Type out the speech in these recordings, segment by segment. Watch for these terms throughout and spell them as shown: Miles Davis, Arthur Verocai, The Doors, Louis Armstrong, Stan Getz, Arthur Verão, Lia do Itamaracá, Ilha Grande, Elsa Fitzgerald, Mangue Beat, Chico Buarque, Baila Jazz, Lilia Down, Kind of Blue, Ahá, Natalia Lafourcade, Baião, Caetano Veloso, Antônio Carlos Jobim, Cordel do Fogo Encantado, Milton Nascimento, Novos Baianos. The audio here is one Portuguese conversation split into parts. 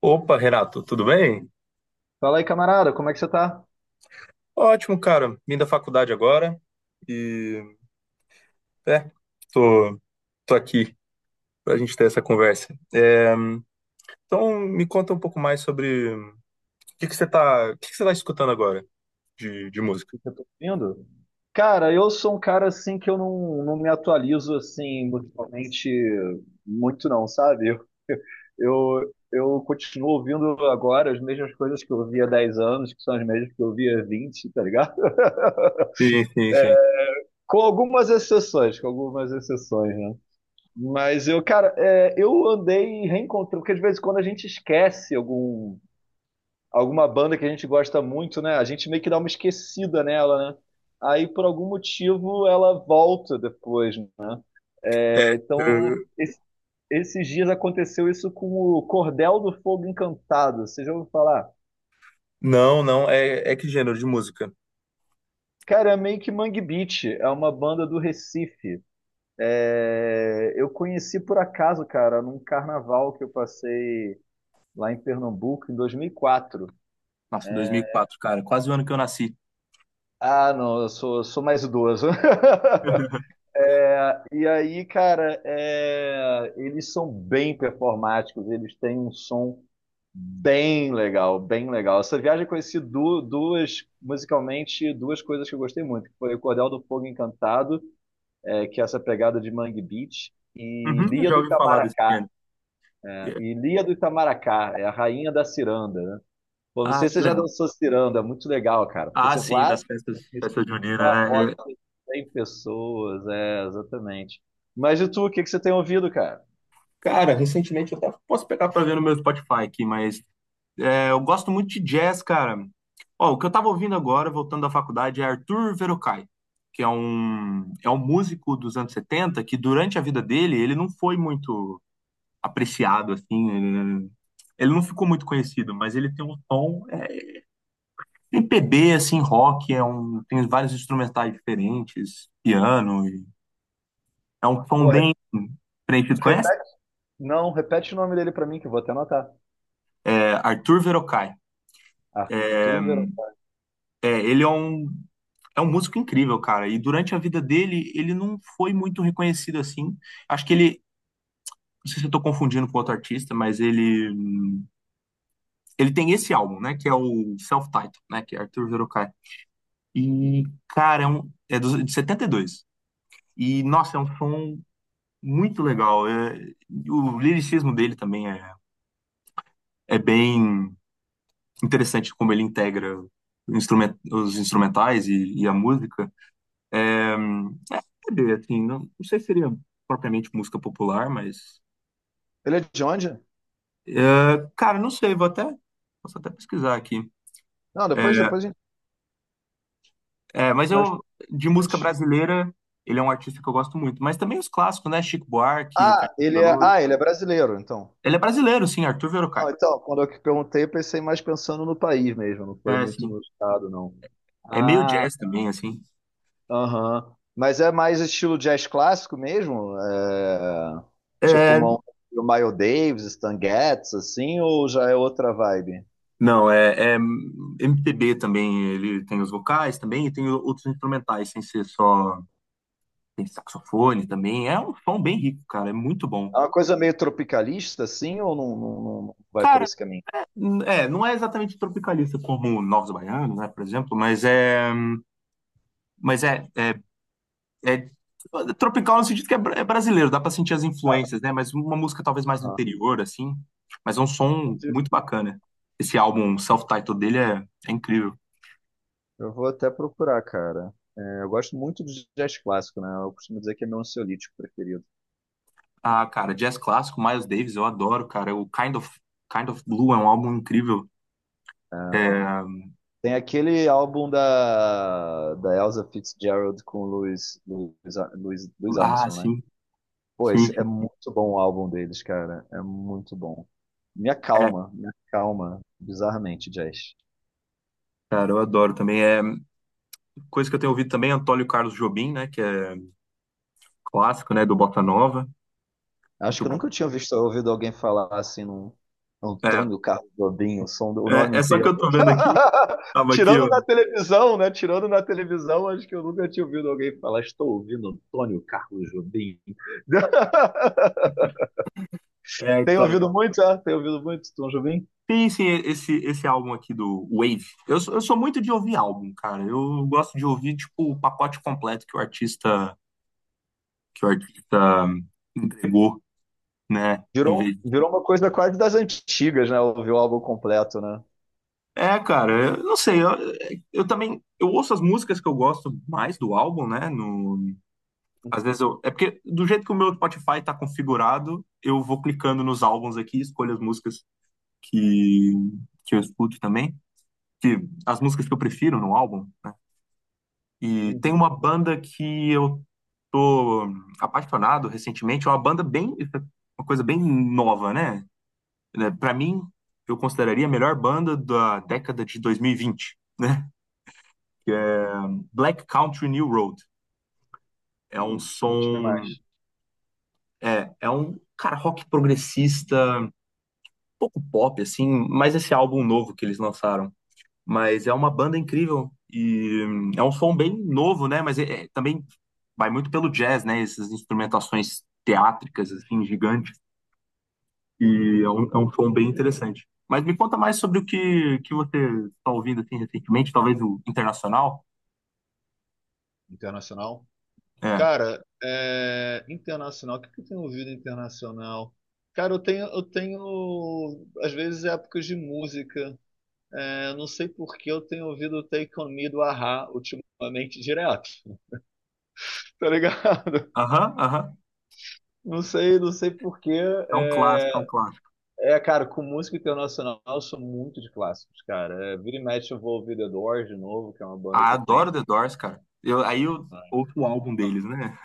Opa, Renato, tudo bem? Fala aí, camarada, como é que você tá? Ótimo, cara. Vim da faculdade agora e é, tô, tô aqui pra gente ter essa conversa. Então me conta um pouco mais sobre o que que você tá escutando agora de música? O que eu tô ouvindo? Cara, eu sou um cara assim que eu não me atualizo assim musicalmente muito não, sabe? Eu continuo ouvindo agora as mesmas coisas que eu ouvia há 10 anos, que são as mesmas que eu ouvia há 20, tá ligado? Sim, sim, sim. Com algumas exceções, né? Mas eu, cara, eu andei reencontrando, porque de vez em quando a gente esquece alguma banda que a gente gosta muito, né? A gente meio que dá uma esquecida nela, né? Aí, por algum motivo, ela volta depois, né? É, então, Eu- esses dias aconteceu isso com o Cordel do Fogo Encantado. Você já ouviu falar? Não, não, é, é que gênero de música? Cara, é meio que Mangue Beat, é uma banda do Recife. É, eu conheci por acaso, cara, num carnaval que eu passei lá em Pernambuco em 2004. Nossa, dois mil e quatro, cara, quase o ano que eu nasci. Ah, não, eu sou mais idoso. É, e aí, cara, eles são bem performáticos, eles têm um som bem legal, bem legal. Essa viagem eu conheci duas, musicalmente, duas coisas que eu gostei muito, que foi o Cordel do Fogo Encantado, é, que é essa pegada de Mangue Beach, e Uhum, eu Lia já do ouvi falar desse Itamaracá. gênero. Né? Yeah. E Lia do Itamaracá é a rainha da ciranda, né? Pô, não Ah, sei que se você já legal. dançou ciranda, é muito legal, cara. Porque Ah, você sim, vai nas festas, isso. festas Uma juninas, roda né? de 100 pessoas, é, exatamente. Mas e tu, o que que você tem ouvido, cara? Cara, recentemente eu até posso pegar pra ver no meu Spotify aqui, mas eu gosto muito de jazz, cara. Ó, o que eu tava ouvindo agora, voltando da faculdade, é Arthur Verocai, é um músico dos anos 70 que durante a vida dele ele não foi muito apreciado, assim, ele não ficou muito conhecido, mas ele tem um tom MPB, assim, rock, tem vários instrumentais diferentes, piano, e é um tom Pô, bem preenchido. Conhece? repete, não, repete o nome dele pra mim, que eu vou até anotar. É, Arthur Verocai. Arthur Verão. É, ele é um É um músico incrível, cara. E durante a vida dele, ele não foi muito reconhecido assim. Acho que ele, não sei se eu tô confundindo com outro artista, mas ele tem esse álbum, né, que é o Self-Titled, né, que é Arthur Verocai. E cara, é de 72. E dois. E nossa, é um som muito legal. O liricismo dele também é bem interessante como ele integra o os instrumentais e a música. É, não sei se seria propriamente música popular, mas Ele é de onde? é, cara, não sei, vou até, posso até pesquisar aqui. Não, depois, É, depois a gente... mas Mas, eu, pô, de música antes. brasileira, ele é um artista que eu gosto muito. Mas também os clássicos, né? Chico Buarque, Caetano Ah, Veloso. Ele é brasileiro, então. Ele é brasileiro, sim, Arthur Não, Verocai. então, quando eu que perguntei, eu pensei mais pensando no país mesmo, não foi É, muito assim, no estado, não. é meio Ah, jazz também, assim. aham. Mas é mais estilo jazz clássico mesmo? É, tipo É, uma, o Miles Davis, Stan Getz, assim, ou já é outra vibe? não, é, é MPB também, ele tem os vocais também e tem outros instrumentais, sem ser só, tem saxofone também. É um som bem rico, cara, é muito bom. É uma coisa meio tropicalista, assim, ou não, não vai por Cara, esse caminho? Não é exatamente tropicalista como Novos Baianos, né, por exemplo, mas Mas é, é, é tropical no sentido que é brasileiro, dá pra sentir as influências, né? Mas uma música talvez mais do Aham. interior, assim. Mas é um som Entendi. muito bacana. Esse álbum self-titled dele é incrível. Eu vou até procurar, cara. É, eu gosto muito de jazz clássico, né? Eu costumo dizer que é meu ansiolítico preferido. Ah, cara, jazz clássico, Miles Davis, eu adoro, cara. Kind of Blue é um álbum incrível. É. É, Tem aquele álbum da Elsa Fitzgerald com o Louis, Louis, Ar- Louis Louis ah, Armstrong, né? sim, Pô, sim, esse é sim. muito bom o álbum deles, cara. É muito bom. É, Me acalma, bizarramente, jazz. cara, eu adoro também. É coisa que eu tenho ouvido também, é Antônio Carlos Jobim, né? Que é clássico, né? Do Bossa Nova. Acho Muito que eu bom. nunca tinha visto, ouvido alguém falar assim num É, Antônio Carlos Jobim, o som o nome é só que inteiro. eu tô vendo aqui, tava aqui, Tirando ó. na televisão, né? Tirando na televisão, acho que eu nunca tinha ouvido alguém falar, estou ouvindo Antônio Carlos Jobim. É, Tem tá, ouvido muito, ah? Tem ouvido muito, Tom Jobim? Sim, sim, esse álbum aqui do Wave. Eu sou muito de ouvir álbum, cara. Eu gosto de ouvir, tipo, o pacote completo que o artista entregou, né? Virou, virou uma coisa quase das antigas, né? Ouvir o álbum completo, né? É, cara, eu não sei. Eu ouço as músicas que eu gosto mais do álbum, né? No, Às vezes é porque do jeito que o meu Spotify tá configurado, eu vou clicando nos álbuns aqui, escolho as músicas que, que eu escuto também, que as músicas que eu prefiro no álbum. Né? E tem Uhum. uma banda que eu tô apaixonado recentemente, é uma banda bem, uma coisa bem nova, né? Né, Pra mim, eu consideraria a melhor banda da década de 2020, né? Que é Black Country New Road. É um Conte-me som, mais. é, é um cara rock progressista, um pouco pop assim, mas esse álbum novo que eles lançaram mas é uma banda incrível e é um som bem novo, né? Mas também vai muito pelo jazz, né? Essas instrumentações teátricas, assim, gigantes. E é um som bem interessante. Mas me conta mais sobre o que que você está ouvindo, assim, recentemente, talvez o internacional. Internacional? É. Cara, internacional, o que que eu tenho ouvido internacional? Cara, eu tenho, às vezes, épocas de música. É, não sei por que eu tenho ouvido o Take On Me do Ahá ultimamente direto. Tá ligado? Aham, aham. Não sei, não sei por que. É um clássico, é um É, clássico. é, cara, com música internacional eu sou muito de clássicos, cara. É, vira e mexe eu vou ouvir The Doors de novo, que é uma banda Ah, que eu adoro tenho. The Doors, cara. Eu, aí eu ouço o álbum deles, né?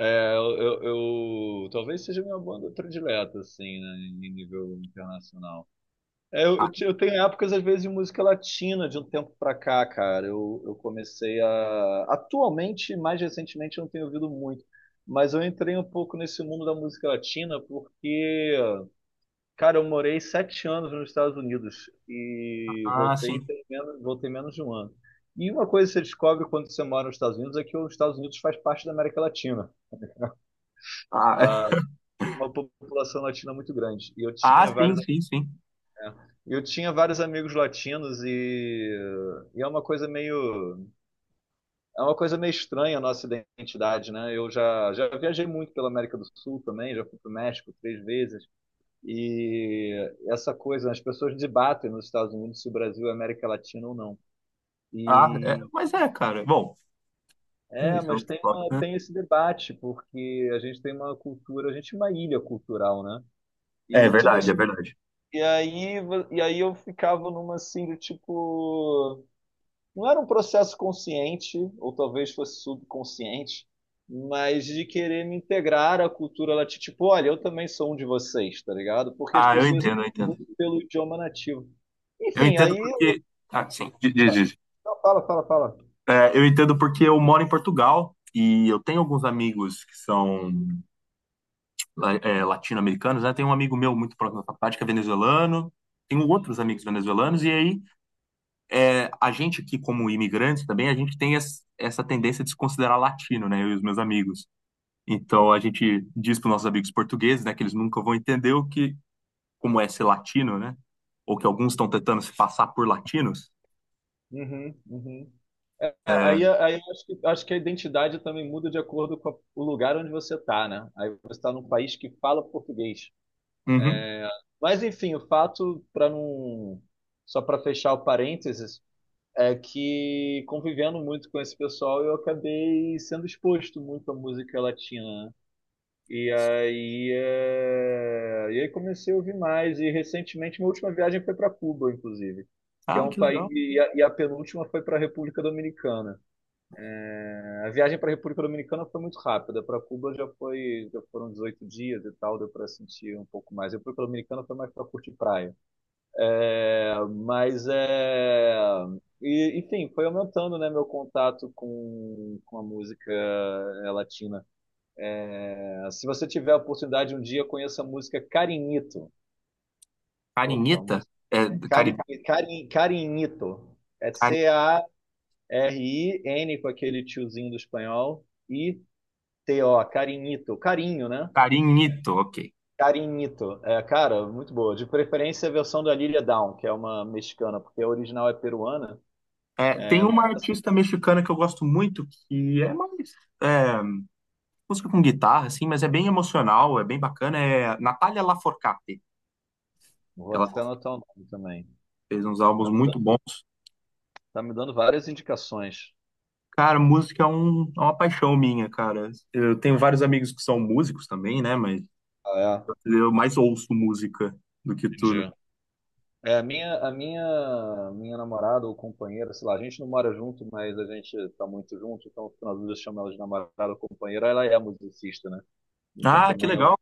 É, eu, Talvez seja minha banda predileta, assim, né, em nível internacional. Eu tenho épocas, às vezes, de música latina de um tempo pra cá, cara. Eu comecei a. Atualmente, mais recentemente, eu não tenho ouvido muito. Mas eu entrei um pouco nesse mundo da música latina porque, cara, eu morei 7 anos nos Estados Unidos e Ah, voltei sim. tem menos, voltei menos de um ano. E uma coisa que você descobre quando você mora nos Estados Unidos é que os Estados Unidos faz parte da América Latina. Ah, Uma população latina muito grande. E ah, sim, sim, sim. eu tinha vários amigos latinos e, é uma coisa meio estranha a nossa identidade, né? Eu já viajei muito pela América do Sul também, já fui para o México três vezes. E essa coisa, as pessoas debatem nos Estados Unidos se o Brasil é América Latina ou não. Ah, é, E mas é, cara. É, Isso é mas outro tem uma, tem esse debate, porque a gente tem uma cultura, a gente é uma ilha cultural, né? é E tudo verdade, é isso. verdade. E aí, eu ficava numa assim do tipo. Não era um processo consciente, ou talvez fosse subconsciente, mas de querer me integrar à cultura latina. Tipo, olha, eu também sou um de vocês, tá ligado? Porque as Ah, eu pessoas entendo, eu entendo. são pelo idioma nativo. Eu Enfim, entendo aí. porque. Ah, sim. Diz, diz, diz. Não, fala, fala, fala. É, eu entendo porque eu moro em Portugal e eu tenho alguns amigos que são latino-americanos, né? Tem um amigo meu muito próximo da faculdade que é venezuelano, tenho outros amigos venezuelanos, e aí a gente aqui, como imigrantes também, a gente tem essa tendência de se considerar latino, né? Eu e os meus amigos. Então a gente diz para os nossos amigos portugueses, né, que eles nunca vão entender como é ser latino, né? Ou que alguns estão tentando se passar por latinos. Uhum, uhum. É, É, aí, aí eu acho que a identidade também muda de acordo com o lugar onde você tá, né? Aí você está num país que fala português. Uhum. Mas enfim, o fato, para não. Só para fechar o parênteses, é que convivendo muito com esse pessoal, eu acabei sendo exposto muito à música latina, né? E aí, comecei a ouvir mais. E recentemente, minha última viagem foi para Cuba, inclusive, que é Ah, um que país. legal. E a penúltima foi para a República Dominicana. A viagem para a República Dominicana foi muito rápida. Para Cuba já foi, já foram 18 dias e tal, deu para sentir um pouco mais. A República Dominicana foi mais para curtir praia. É, mas é. E, enfim, foi aumentando, né, meu contato com a música latina. É, se você tiver a oportunidade um dia, conheça a música Carinito. Pô, a Carinita? música É, cari, Carin, Carinito. É cari, Carin com aquele tiozinho do espanhol e To, Carinito. Carinho, né? Carinito, ok. Carinito. É, cara, muito boa. De preferência a versão da Lilia Down, que é uma mexicana, porque a original é peruana. É, tem É, uma mas artista mexicana que eu gosto muito, que é mais é, música com guitarra, assim, mas é bem emocional, é bem bacana, é Natalia Lafourcade. Vou Ela até anotar o nome também. fez uns álbuns muito bons. Tá me dando várias indicações. Cara, é uma paixão minha, cara. Eu tenho vários amigos que são músicos também, né? Mas Ah, eu mais ouço música do que é? tudo. Entendi. Minha namorada ou companheira, sei lá, a gente não mora junto, mas a gente tá muito junto, então nas vezes eu chamo ela de namorada ou companheira, ela é musicista, né? Então Ah, que também legal.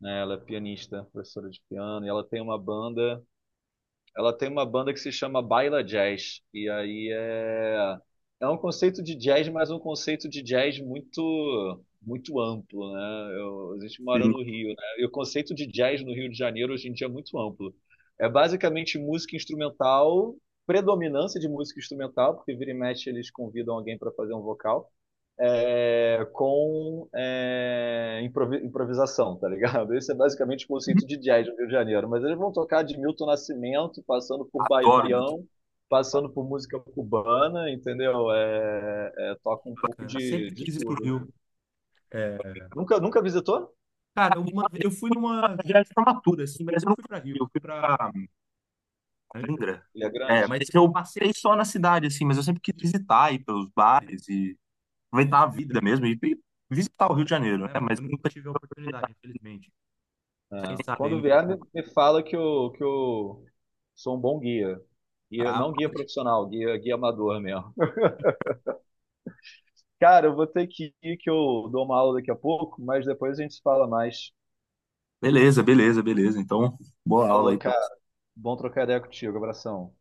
né, ela é pianista, professora de piano, e ela tem uma banda. Ela tem uma banda que se chama Baila Jazz. E aí é. É um conceito de jazz, mas um conceito de jazz muito muito amplo, né? Eu, a gente mora Sim, no Rio, né? E o conceito de jazz no Rio de Janeiro hoje em dia é muito amplo. É basicamente música instrumental, predominância de música instrumental, porque vira e mexe eles convidam alguém para fazer um vocal com improvisação, tá ligado? Esse é basicamente o conceito de jazz do Rio de Janeiro. Mas eles vão tocar de Milton Nascimento, passando por adoro música. Baião, passando por música cubana, entendeu? Toca um pouco Cara, de, sempre de quis ir pro tudo, né? Rio. Nunca, nunca visitou? Cara, eu fui numa viagem de formatura, assim, mas eu não fui pra Rio, eu fui pra Angra. Ilha É, Grande? mas eu passei só na cidade, assim, mas eu sempre quis visitar, ir pelos bares e aproveitar a vida mesmo e visitar o Rio de Janeiro, né? Mas eu nunca tive a oportunidade, infelizmente. É. Quando vier, me fala que eu sou um bom guia. Guia, não guia profissional, guia, guia amador mesmo. Cara, eu vou ter que ir, que eu dou uma aula daqui a pouco, mas depois a gente se fala mais. Beleza, beleza, beleza. Então, boa aula Falou, aí pra cara. Bom trocar ideia contigo. Abração.